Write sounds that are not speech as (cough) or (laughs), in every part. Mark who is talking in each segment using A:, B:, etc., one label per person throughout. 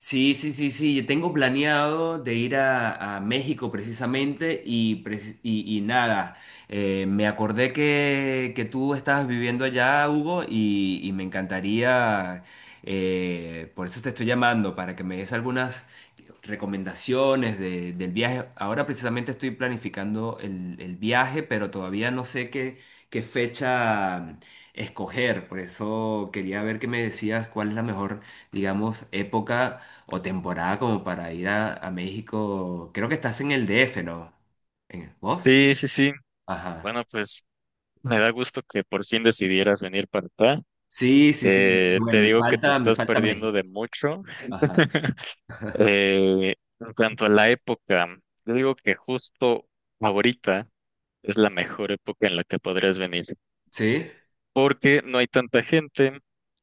A: Sí, sí, sí, sí. Yo tengo planeado de ir a México precisamente y nada, me acordé que tú estabas viviendo allá, Hugo, y me encantaría, por eso te estoy llamando, para que me des algunas recomendaciones del viaje. Ahora precisamente estoy planificando el viaje, pero todavía no sé qué fecha escoger. Por eso quería ver qué me decías, cuál es la mejor, digamos, época o temporada como para ir a México. Creo que estás en el DF, ¿no? ¿En, vos?
B: Sí, sí, sí.
A: Ajá.
B: Bueno, pues me da gusto que por fin decidieras venir para acá.
A: Sí, sí, sí.
B: Te
A: Bueno,
B: digo que te
A: me
B: estás
A: falta
B: perdiendo
A: México.
B: de mucho.
A: Ajá.
B: En cuanto a la época, yo digo que justo ahorita es la mejor época en la que podrías venir,
A: Sí,
B: porque no hay tanta gente,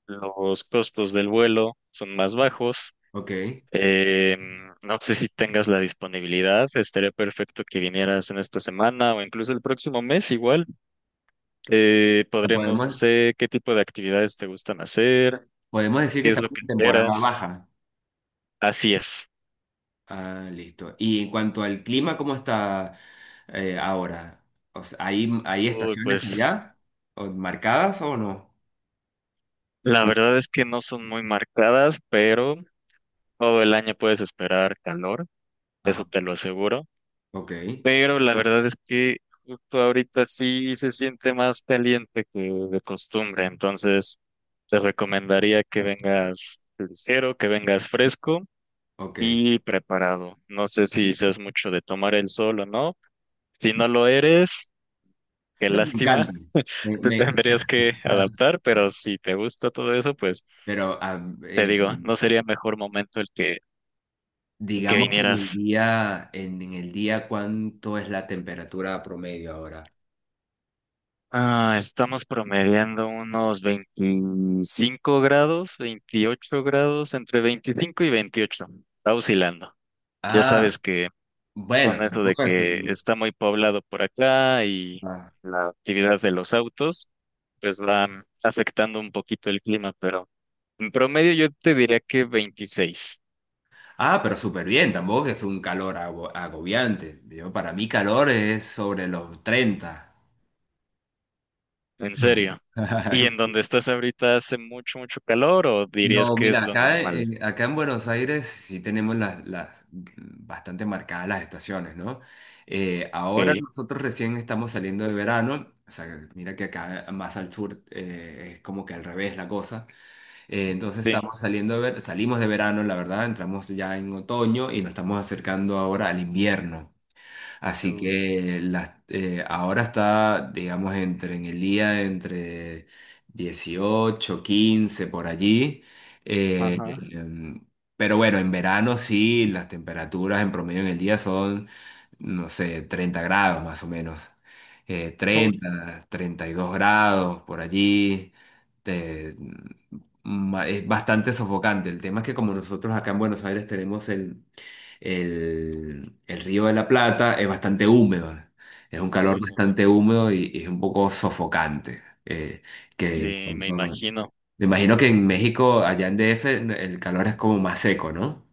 B: los costos del vuelo son más bajos.
A: ok.
B: Eh, no sé si tengas la disponibilidad, estaría perfecto que vinieras en esta semana o incluso el próximo mes igual. Podríamos,
A: Podemos,
B: no sé, qué tipo de actividades te gustan hacer,
A: podemos decir que
B: qué es lo
A: estamos
B: que
A: en temporada
B: esperas.
A: baja.
B: Así es.
A: Ah, listo. Y en cuanto al clima, ¿cómo está, ahora? O sea, ¿hay, hay
B: Uy,
A: estaciones
B: pues
A: allá? ¿O marcadas o no?
B: la verdad es que no son muy marcadas, pero todo el año puedes esperar calor,
A: Ajá.
B: eso te lo aseguro.
A: Ok,
B: Pero la verdad es que justo ahorita sí se siente más caliente que de costumbre, entonces te recomendaría que vengas ligero, que vengas fresco
A: ok.
B: y preparado. No sé si seas mucho de tomar el sol o no. Si no lo eres, qué
A: No, me
B: lástima.
A: encanta. Me-
B: (laughs) Te
A: me-
B: tendrías que adaptar, pero si te gusta todo eso, pues
A: pero ah,
B: te
A: eh,
B: digo, no sería mejor momento el que
A: Digamos que en el
B: vinieras.
A: día, en el día, ¿cuánto es la temperatura promedio ahora?
B: Ah, estamos promediando unos 25 grados, 28 grados, entre 25 y 28. Está oscilando. Ya
A: Ah,
B: sabes que
A: bueno,
B: con eso de
A: tampoco es
B: que
A: un...
B: está muy poblado por acá y
A: Ah,
B: la actividad de los autos, pues va afectando un poquito el clima, pero en promedio yo te diría que 26,
A: ah, pero súper bien, tampoco es un calor agobiante. Yo, para mí calor es sobre los 30.
B: en serio. ¿Y en
A: (laughs)
B: donde estás ahorita hace mucho, mucho calor o dirías
A: No,
B: que es
A: mira,
B: lo normal?
A: acá en Buenos Aires sí tenemos las bastante marcadas las estaciones, ¿no? Ahora
B: Sí,
A: nosotros recién estamos saliendo de verano, o sea, mira que acá más al sur es como que al revés la cosa. Entonces
B: sí.
A: estamos salimos de verano, la verdad, entramos ya en otoño y nos estamos acercando ahora al invierno. Así
B: Uy,
A: que ahora está, digamos, entre en el día, entre 18, 15, por allí. Eh,
B: ajá. (laughs)
A: em, pero bueno, en verano sí, las temperaturas en promedio en el día son, no sé, 30 grados más o menos.
B: Uy,
A: 30, 32 grados por allí. Te- mm, es bastante sofocante. El tema es que como nosotros acá en Buenos Aires tenemos el Río de la Plata. Es bastante húmedo, es un calor
B: uy, sí.
A: bastante húmedo y es un poco sofocante. eh, que
B: Sí, me
A: cuando-
B: imagino.
A: Me imagino que en México, allá en DF, el calor es como más seco, ¿no?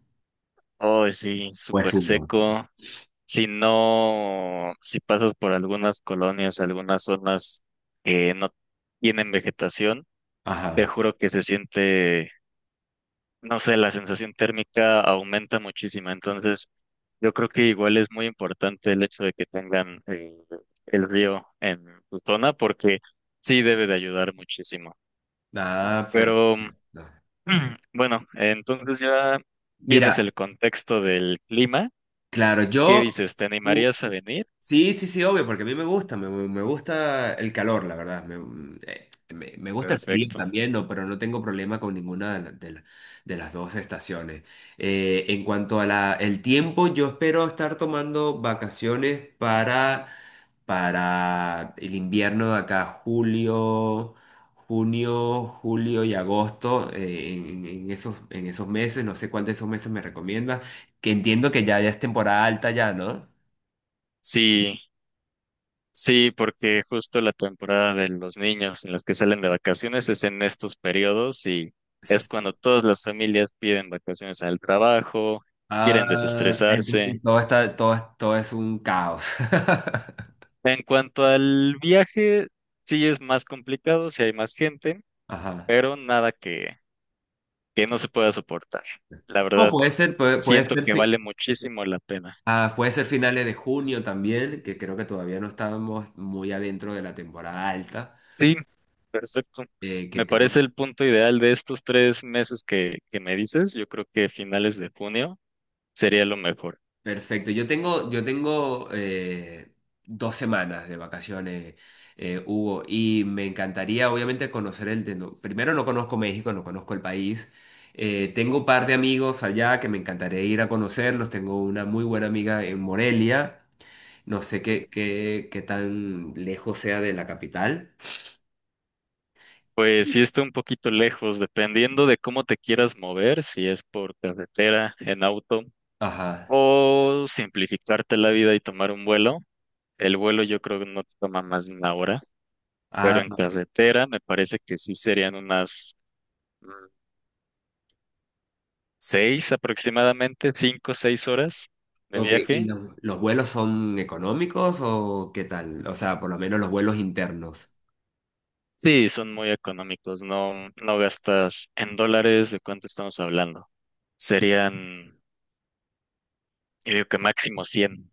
B: Oh, sí,
A: Pues
B: súper
A: húmedo.
B: seco. Si no, si pasas por algunas colonias, algunas zonas que no tienen vegetación, te
A: Ajá.
B: juro que se siente, no sé, la sensación térmica aumenta muchísimo. Entonces, yo creo que igual es muy importante el hecho de que tengan el río en su zona porque sí debe de ayudar muchísimo.
A: Ah, perfecto.
B: Pero (clears throat) bueno, entonces ya tienes
A: Mira,
B: el contexto del clima.
A: claro,
B: ¿Qué
A: yo
B: dices? ¿Te animarías a venir?
A: Sí, sí, sí, obvio, porque a mí me gusta, me gusta el calor, la verdad. Eh, Me gusta el frío
B: Perfecto.
A: también, no, pero no tengo problema con ninguna de las dos estaciones. En cuanto a el tiempo, yo espero estar tomando vacaciones para el invierno de acá, julio, junio, julio y agosto, en esos meses, no sé cuál de esos meses me recomiendas, que entiendo que ya, ya es temporada alta ya, ¿no?
B: Sí, sí, porque justo la temporada de los niños en los que salen de vacaciones es en estos periodos y es cuando todas las familias piden vacaciones al trabajo, quieren
A: Y
B: desestresarse.
A: todo está, todo es un caos. (laughs)
B: En cuanto al viaje, sí es más complicado, sí hay más gente,
A: Ajá.
B: pero nada que no se pueda soportar. La
A: O
B: verdad,
A: puede ser, puede, Puede
B: siento
A: ser,
B: que vale muchísimo la pena.
A: puede ser finales de junio también, que creo que todavía no estábamos muy adentro de la temporada alta,
B: Sí, perfecto.
A: eh, que
B: Me
A: creo
B: parece el punto ideal de estos 3 meses que me dices. Yo creo que finales de junio sería lo mejor.
A: Perfecto. Yo tengo, 2 semanas de vacaciones, Hugo, y me encantaría obviamente conocer el de... no- Primero no conozco México, no conozco el país. Tengo un par de amigos allá que me encantaría ir a conocerlos. Tengo una muy buena amiga en Morelia. No sé qué tan lejos sea de la capital.
B: Pues sí está un poquito lejos, dependiendo de cómo te quieras mover, si es por carretera, en auto,
A: Ajá.
B: o simplificarte la vida y tomar un vuelo. El vuelo yo creo que no te toma más de 1 hora,
A: Ah,
B: pero en carretera me parece que sí serían unas mm, 6 aproximadamente, 5, o 6 horas de
A: ok. ¿Y
B: viaje.
A: los vuelos son económicos o qué tal? O sea, por lo menos los vuelos internos.
B: Sí, son muy económicos, no, no gastas en dólares, ¿de cuánto estamos hablando? Serían, yo digo que máximo cien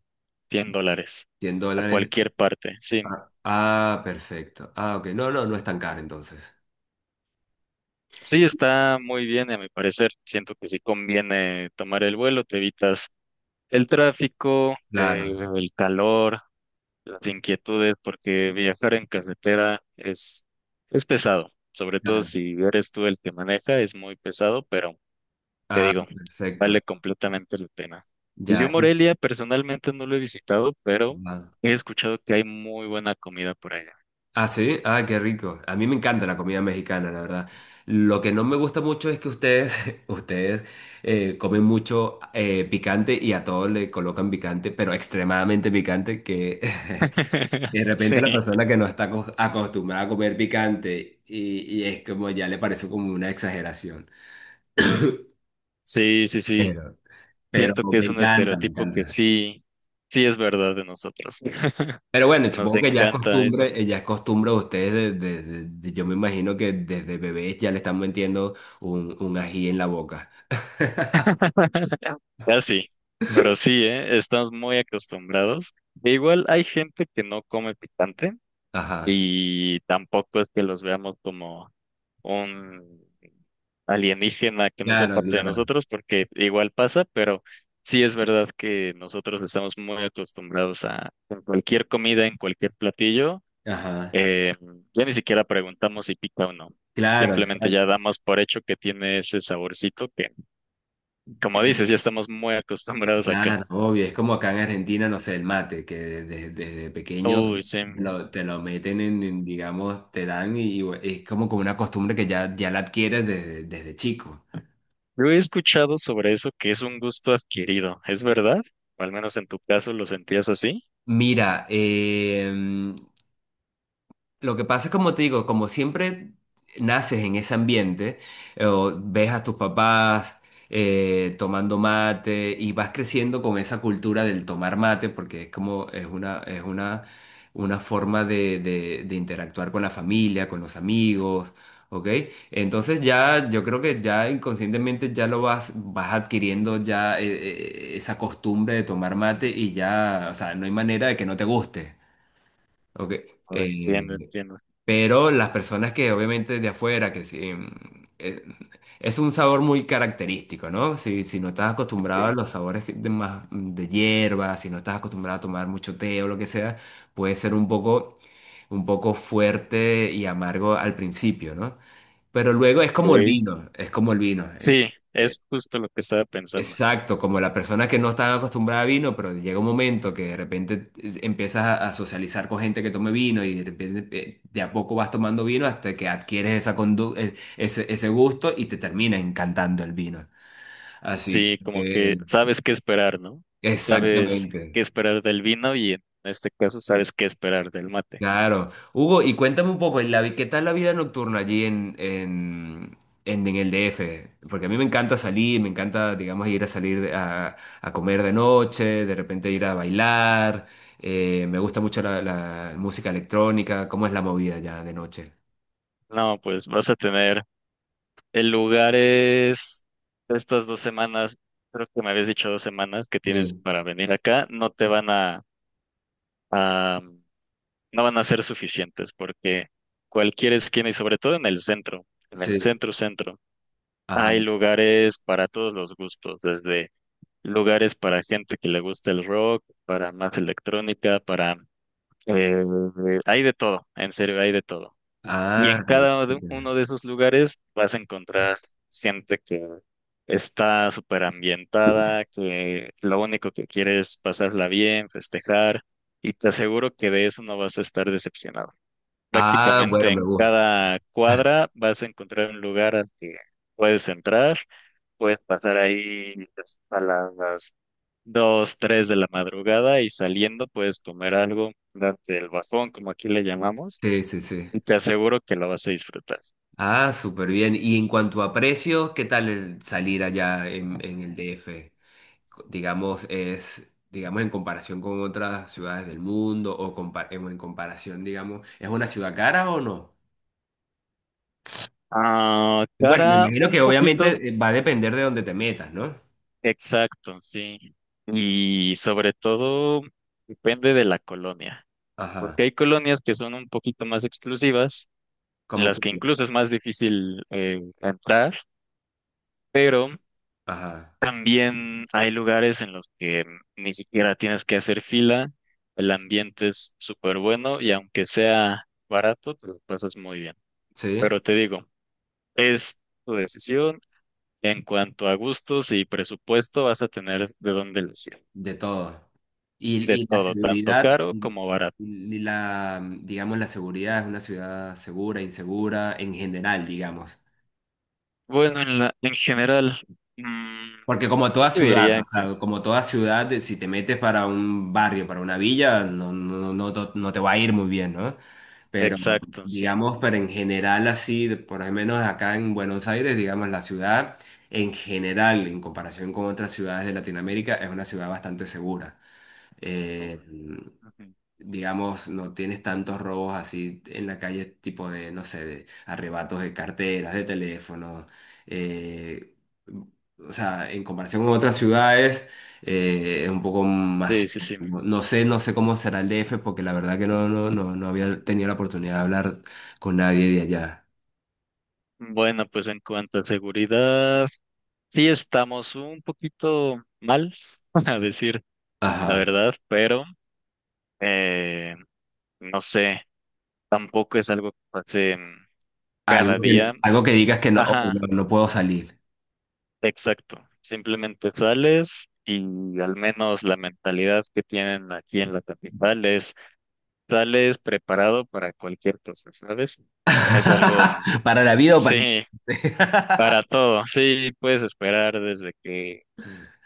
B: cien dólares
A: cien
B: a
A: dólares
B: cualquier parte, sí.
A: Ah, ah, perfecto. Ah, ok. No, no es tan caro entonces.
B: Sí, está muy bien, a mi parecer. Siento que sí conviene tomar el vuelo, te evitas el tráfico,
A: Claro,
B: el calor, las inquietudes, porque viajar en carretera es pesado, sobre todo
A: claro.
B: si eres tú el que maneja, es muy pesado, pero te
A: Ah,
B: digo,
A: perfecto.
B: vale completamente la pena. Y yo
A: Ya.
B: Morelia personalmente no lo he visitado, pero
A: Ah,
B: he escuchado que hay muy buena comida por allá.
A: ah, sí. Ah, qué rico. A mí me encanta la comida mexicana, la verdad. Lo que no me gusta mucho es que ustedes, (laughs) ustedes comen mucho picante y a todos le colocan picante, pero extremadamente picante, que (laughs) de
B: (laughs)
A: repente la
B: Sí,
A: persona que no está acostumbrada a comer picante y es como ya le parece como una exageración.
B: sí, sí, sí.
A: Pero, pero
B: Siento que
A: me
B: es un
A: encanta, me
B: estereotipo que
A: encanta.
B: sí, sí es verdad de nosotros.
A: Pero
B: (laughs)
A: bueno,
B: Nos
A: supongo que
B: encanta eso.
A: ya es costumbre de ustedes, yo me imagino que desde bebés ya le están metiendo un ají en la boca.
B: (laughs) Casi, pero sí, ¿eh? Estamos muy acostumbrados. E igual hay gente que no come picante
A: Ajá.
B: y tampoco es que los veamos como un alienígena que no sea
A: Claro,
B: parte de
A: claro.
B: nosotros, porque igual pasa, pero sí es verdad que nosotros estamos muy acostumbrados a en cualquier comida, en cualquier platillo,
A: Ajá.
B: eh, ya ni siquiera preguntamos si pica o no.
A: Claro,
B: Simplemente
A: exacto.
B: ya damos por hecho que tiene ese saborcito que, como dices, ya estamos muy acostumbrados acá.
A: Claro, obvio. Es como acá en Argentina, no sé, el mate, que desde pequeño
B: Uy, sí.
A: te lo meten en, digamos, te dan y, bueno, es como con una costumbre que ya, ya la adquieres desde, desde chico.
B: Yo he escuchado sobre eso que es un gusto adquirido, ¿es verdad? O al menos en tu caso lo sentías así.
A: Mira, lo que pasa es como te digo, como siempre naces en ese ambiente, o ves a tus papás tomando mate y vas creciendo con esa cultura del tomar mate, porque es como es es una forma de, de interactuar con la familia, con los amigos, ¿ok? Entonces ya yo creo que ya inconscientemente ya vas adquiriendo ya esa costumbre de tomar mate y ya, o sea, no hay manera de que no te guste, ¿ok?
B: Oh,
A: Eh,
B: entiendo, entiendo.
A: pero las personas que obviamente de afuera, que sí, eh, es un sabor muy característico, ¿no? Si no estás acostumbrado a
B: Ok,
A: los sabores de hierba, si no estás acostumbrado a tomar mucho té o lo que sea, puede ser un poco fuerte y amargo al principio, ¿no? Pero luego es como el
B: ok.
A: vino, es como el vino.
B: Sí,
A: Eh,
B: es justo lo que estaba pensando.
A: Exacto, como la persona que no está acostumbrada a vino, pero llega un momento que de repente empiezas a socializar con gente que tome vino y de repente de a poco vas tomando vino hasta que adquieres ese gusto y te termina encantando el vino. Así
B: Sí, como que
A: que,
B: sabes qué esperar, ¿no? Sabes
A: exactamente.
B: qué esperar del vino y en este caso sabes qué esperar del mate.
A: Claro. Hugo, y cuéntame un poco, ¿qué tal la vida nocturna allí en, en, el DF? Porque a mí me encanta salir, me encanta, digamos, ir a salir a comer de noche, de repente ir a bailar. Me gusta mucho la música electrónica. ¿Cómo es la movida ya de noche?
B: No, pues vas a tener el lugar es estas 2 semanas, creo que me habías dicho 2 semanas que tienes
A: Sí,
B: para venir acá, no te van a no van a ser suficientes porque cualquier esquina y sobre todo en el
A: sí.
B: centro centro,
A: Ajá.
B: hay lugares para todos los gustos, desde lugares para gente que le gusta el rock, para más electrónica, para... eh, hay de todo, en serio, hay de todo. Y
A: Ah,
B: en cada
A: súper.
B: uno de esos lugares vas a encontrar gente que está súper ambientada, que lo único que quiere es pasarla bien, festejar, y te aseguro que de eso no vas a estar decepcionado.
A: Ah, bueno,
B: Prácticamente en
A: me gusta.
B: cada cuadra vas a encontrar un lugar al que puedes entrar, puedes pasar ahí a las 2 3 de la madrugada y saliendo puedes comer algo, darte el bajón, como aquí le llamamos,
A: Sí, sí, sí.
B: y te aseguro que lo vas a disfrutar.
A: Ah, súper bien. Y en cuanto a precios, ¿qué tal el salir allá en el DF? Digamos, es, digamos, en comparación con otras ciudades del mundo o en comparación, digamos, ¿es una ciudad cara o no?
B: Ah,
A: Bueno, me
B: cara,
A: imagino que
B: un poquito.
A: obviamente va a depender de dónde te metas, ¿no?
B: Exacto, sí. Y sobre todo depende de la colonia,
A: Ajá,
B: porque hay colonias que son un poquito más exclusivas en
A: como,
B: las que
A: cumplas.
B: incluso es más difícil entrar, pero
A: Ajá,
B: también hay lugares en los que ni siquiera tienes que hacer fila, el ambiente es súper bueno y aunque sea barato, te lo pasas muy bien.
A: sí,
B: Pero te digo, es tu decisión. En cuanto a gustos y presupuesto, vas a tener de dónde elegir.
A: de todo.
B: De
A: Y la
B: todo, tanto
A: seguridad,
B: caro como barato.
A: y digamos, la seguridad, ¿es una ciudad segura, insegura, en general, digamos?
B: Bueno, en general, mm,
A: Porque como
B: yo
A: toda
B: te
A: ciudad,
B: diría
A: o
B: que,
A: sea, como toda ciudad, si te metes para un barrio, para una villa, no, no te va a ir muy bien, ¿no? Pero
B: exacto, sí.
A: digamos, pero en general así, de- por lo menos acá en Buenos Aires, digamos, la ciudad en general, en comparación con otras ciudades de Latinoamérica, es una ciudad bastante segura. Eh,
B: Ujú.
A: digamos, no tienes tantos robos así en la calle, tipo de, no sé, de arrebatos de carteras, de teléfonos. eh, o sea, en comparación con otras ciudades, es un poco más...
B: Sí, sí, sí.
A: No, no sé, no sé cómo será el DF, porque la verdad que no, no había tenido la oportunidad de hablar con nadie de allá.
B: Bueno, pues en cuanto a seguridad, sí estamos un poquito mal, (laughs) a decir la
A: Ajá.
B: verdad, pero eh, no sé, tampoco es algo que pase cada día.
A: Algo que digas que no, oh,
B: Ajá,
A: no, no puedo salir.
B: exacto. Simplemente sales y al menos la mentalidad que tienen aquí en la capital es sales preparado para cualquier cosa, ¿sabes? Es algo,
A: (laughs) Para la vida o para...
B: sí, para todo. Sí, puedes esperar desde que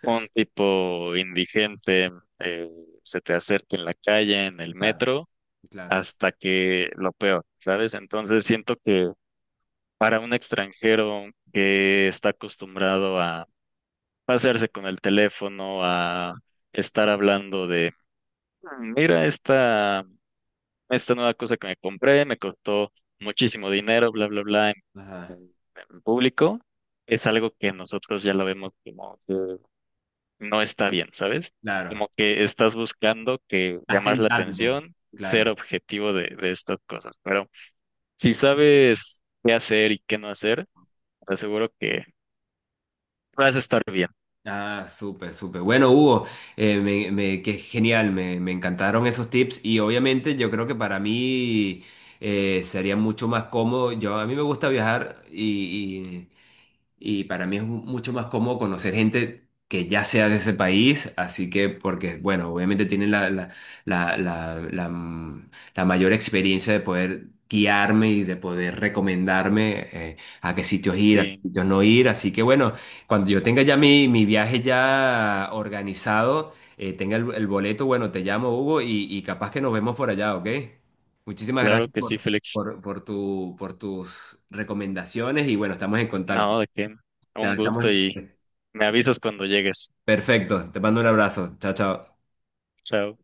B: un tipo indigente eh, se te acerque en la calle, en el
A: Claro,
B: metro,
A: claro.
B: hasta que lo peor, ¿sabes? Entonces siento que para un extranjero que está acostumbrado a pasarse con el teléfono, a estar hablando de, "Mm, mira esta, nueva cosa que me compré, me costó muchísimo dinero, bla, bla, bla,
A: Ajá,
B: en- en público, es algo que nosotros ya lo vemos como... no está bien, ¿sabes?
A: claro.
B: Como que estás buscando que
A: Gasté
B: llamar
A: el
B: la
A: tanto,
B: atención, ser
A: claro.
B: objetivo de estas cosas. Pero si sabes qué hacer y qué no hacer, te aseguro que vas a estar bien.
A: Ah, súper, súper. Bueno, Hugo, qué genial, me encantaron esos tips y obviamente yo creo que para mí sería mucho más cómodo. Yo, a mí me gusta viajar y para mí es mucho más cómodo conocer gente que ya sea de ese país, así que porque, bueno, obviamente tienen la, la, la, mm, la mayor experiencia de poder guiarme y de poder recomendarme a qué sitios ir, a qué
B: Sí,
A: sitios no ir, así que bueno. Cuando yo tenga ya mi viaje ya organizado, tenga el boleto, bueno, te llamo, Hugo, y capaz que nos vemos por allá, ¿ok? Muchísimas
B: claro
A: gracias
B: que sí, Félix.
A: por tu, por tus recomendaciones y bueno, estamos en contacto.
B: No, de qué. Un
A: Estamos...
B: gusto y
A: eh,
B: me avisas cuando llegues.
A: Perfecto, te mando un abrazo. Chao, chao.
B: Chao.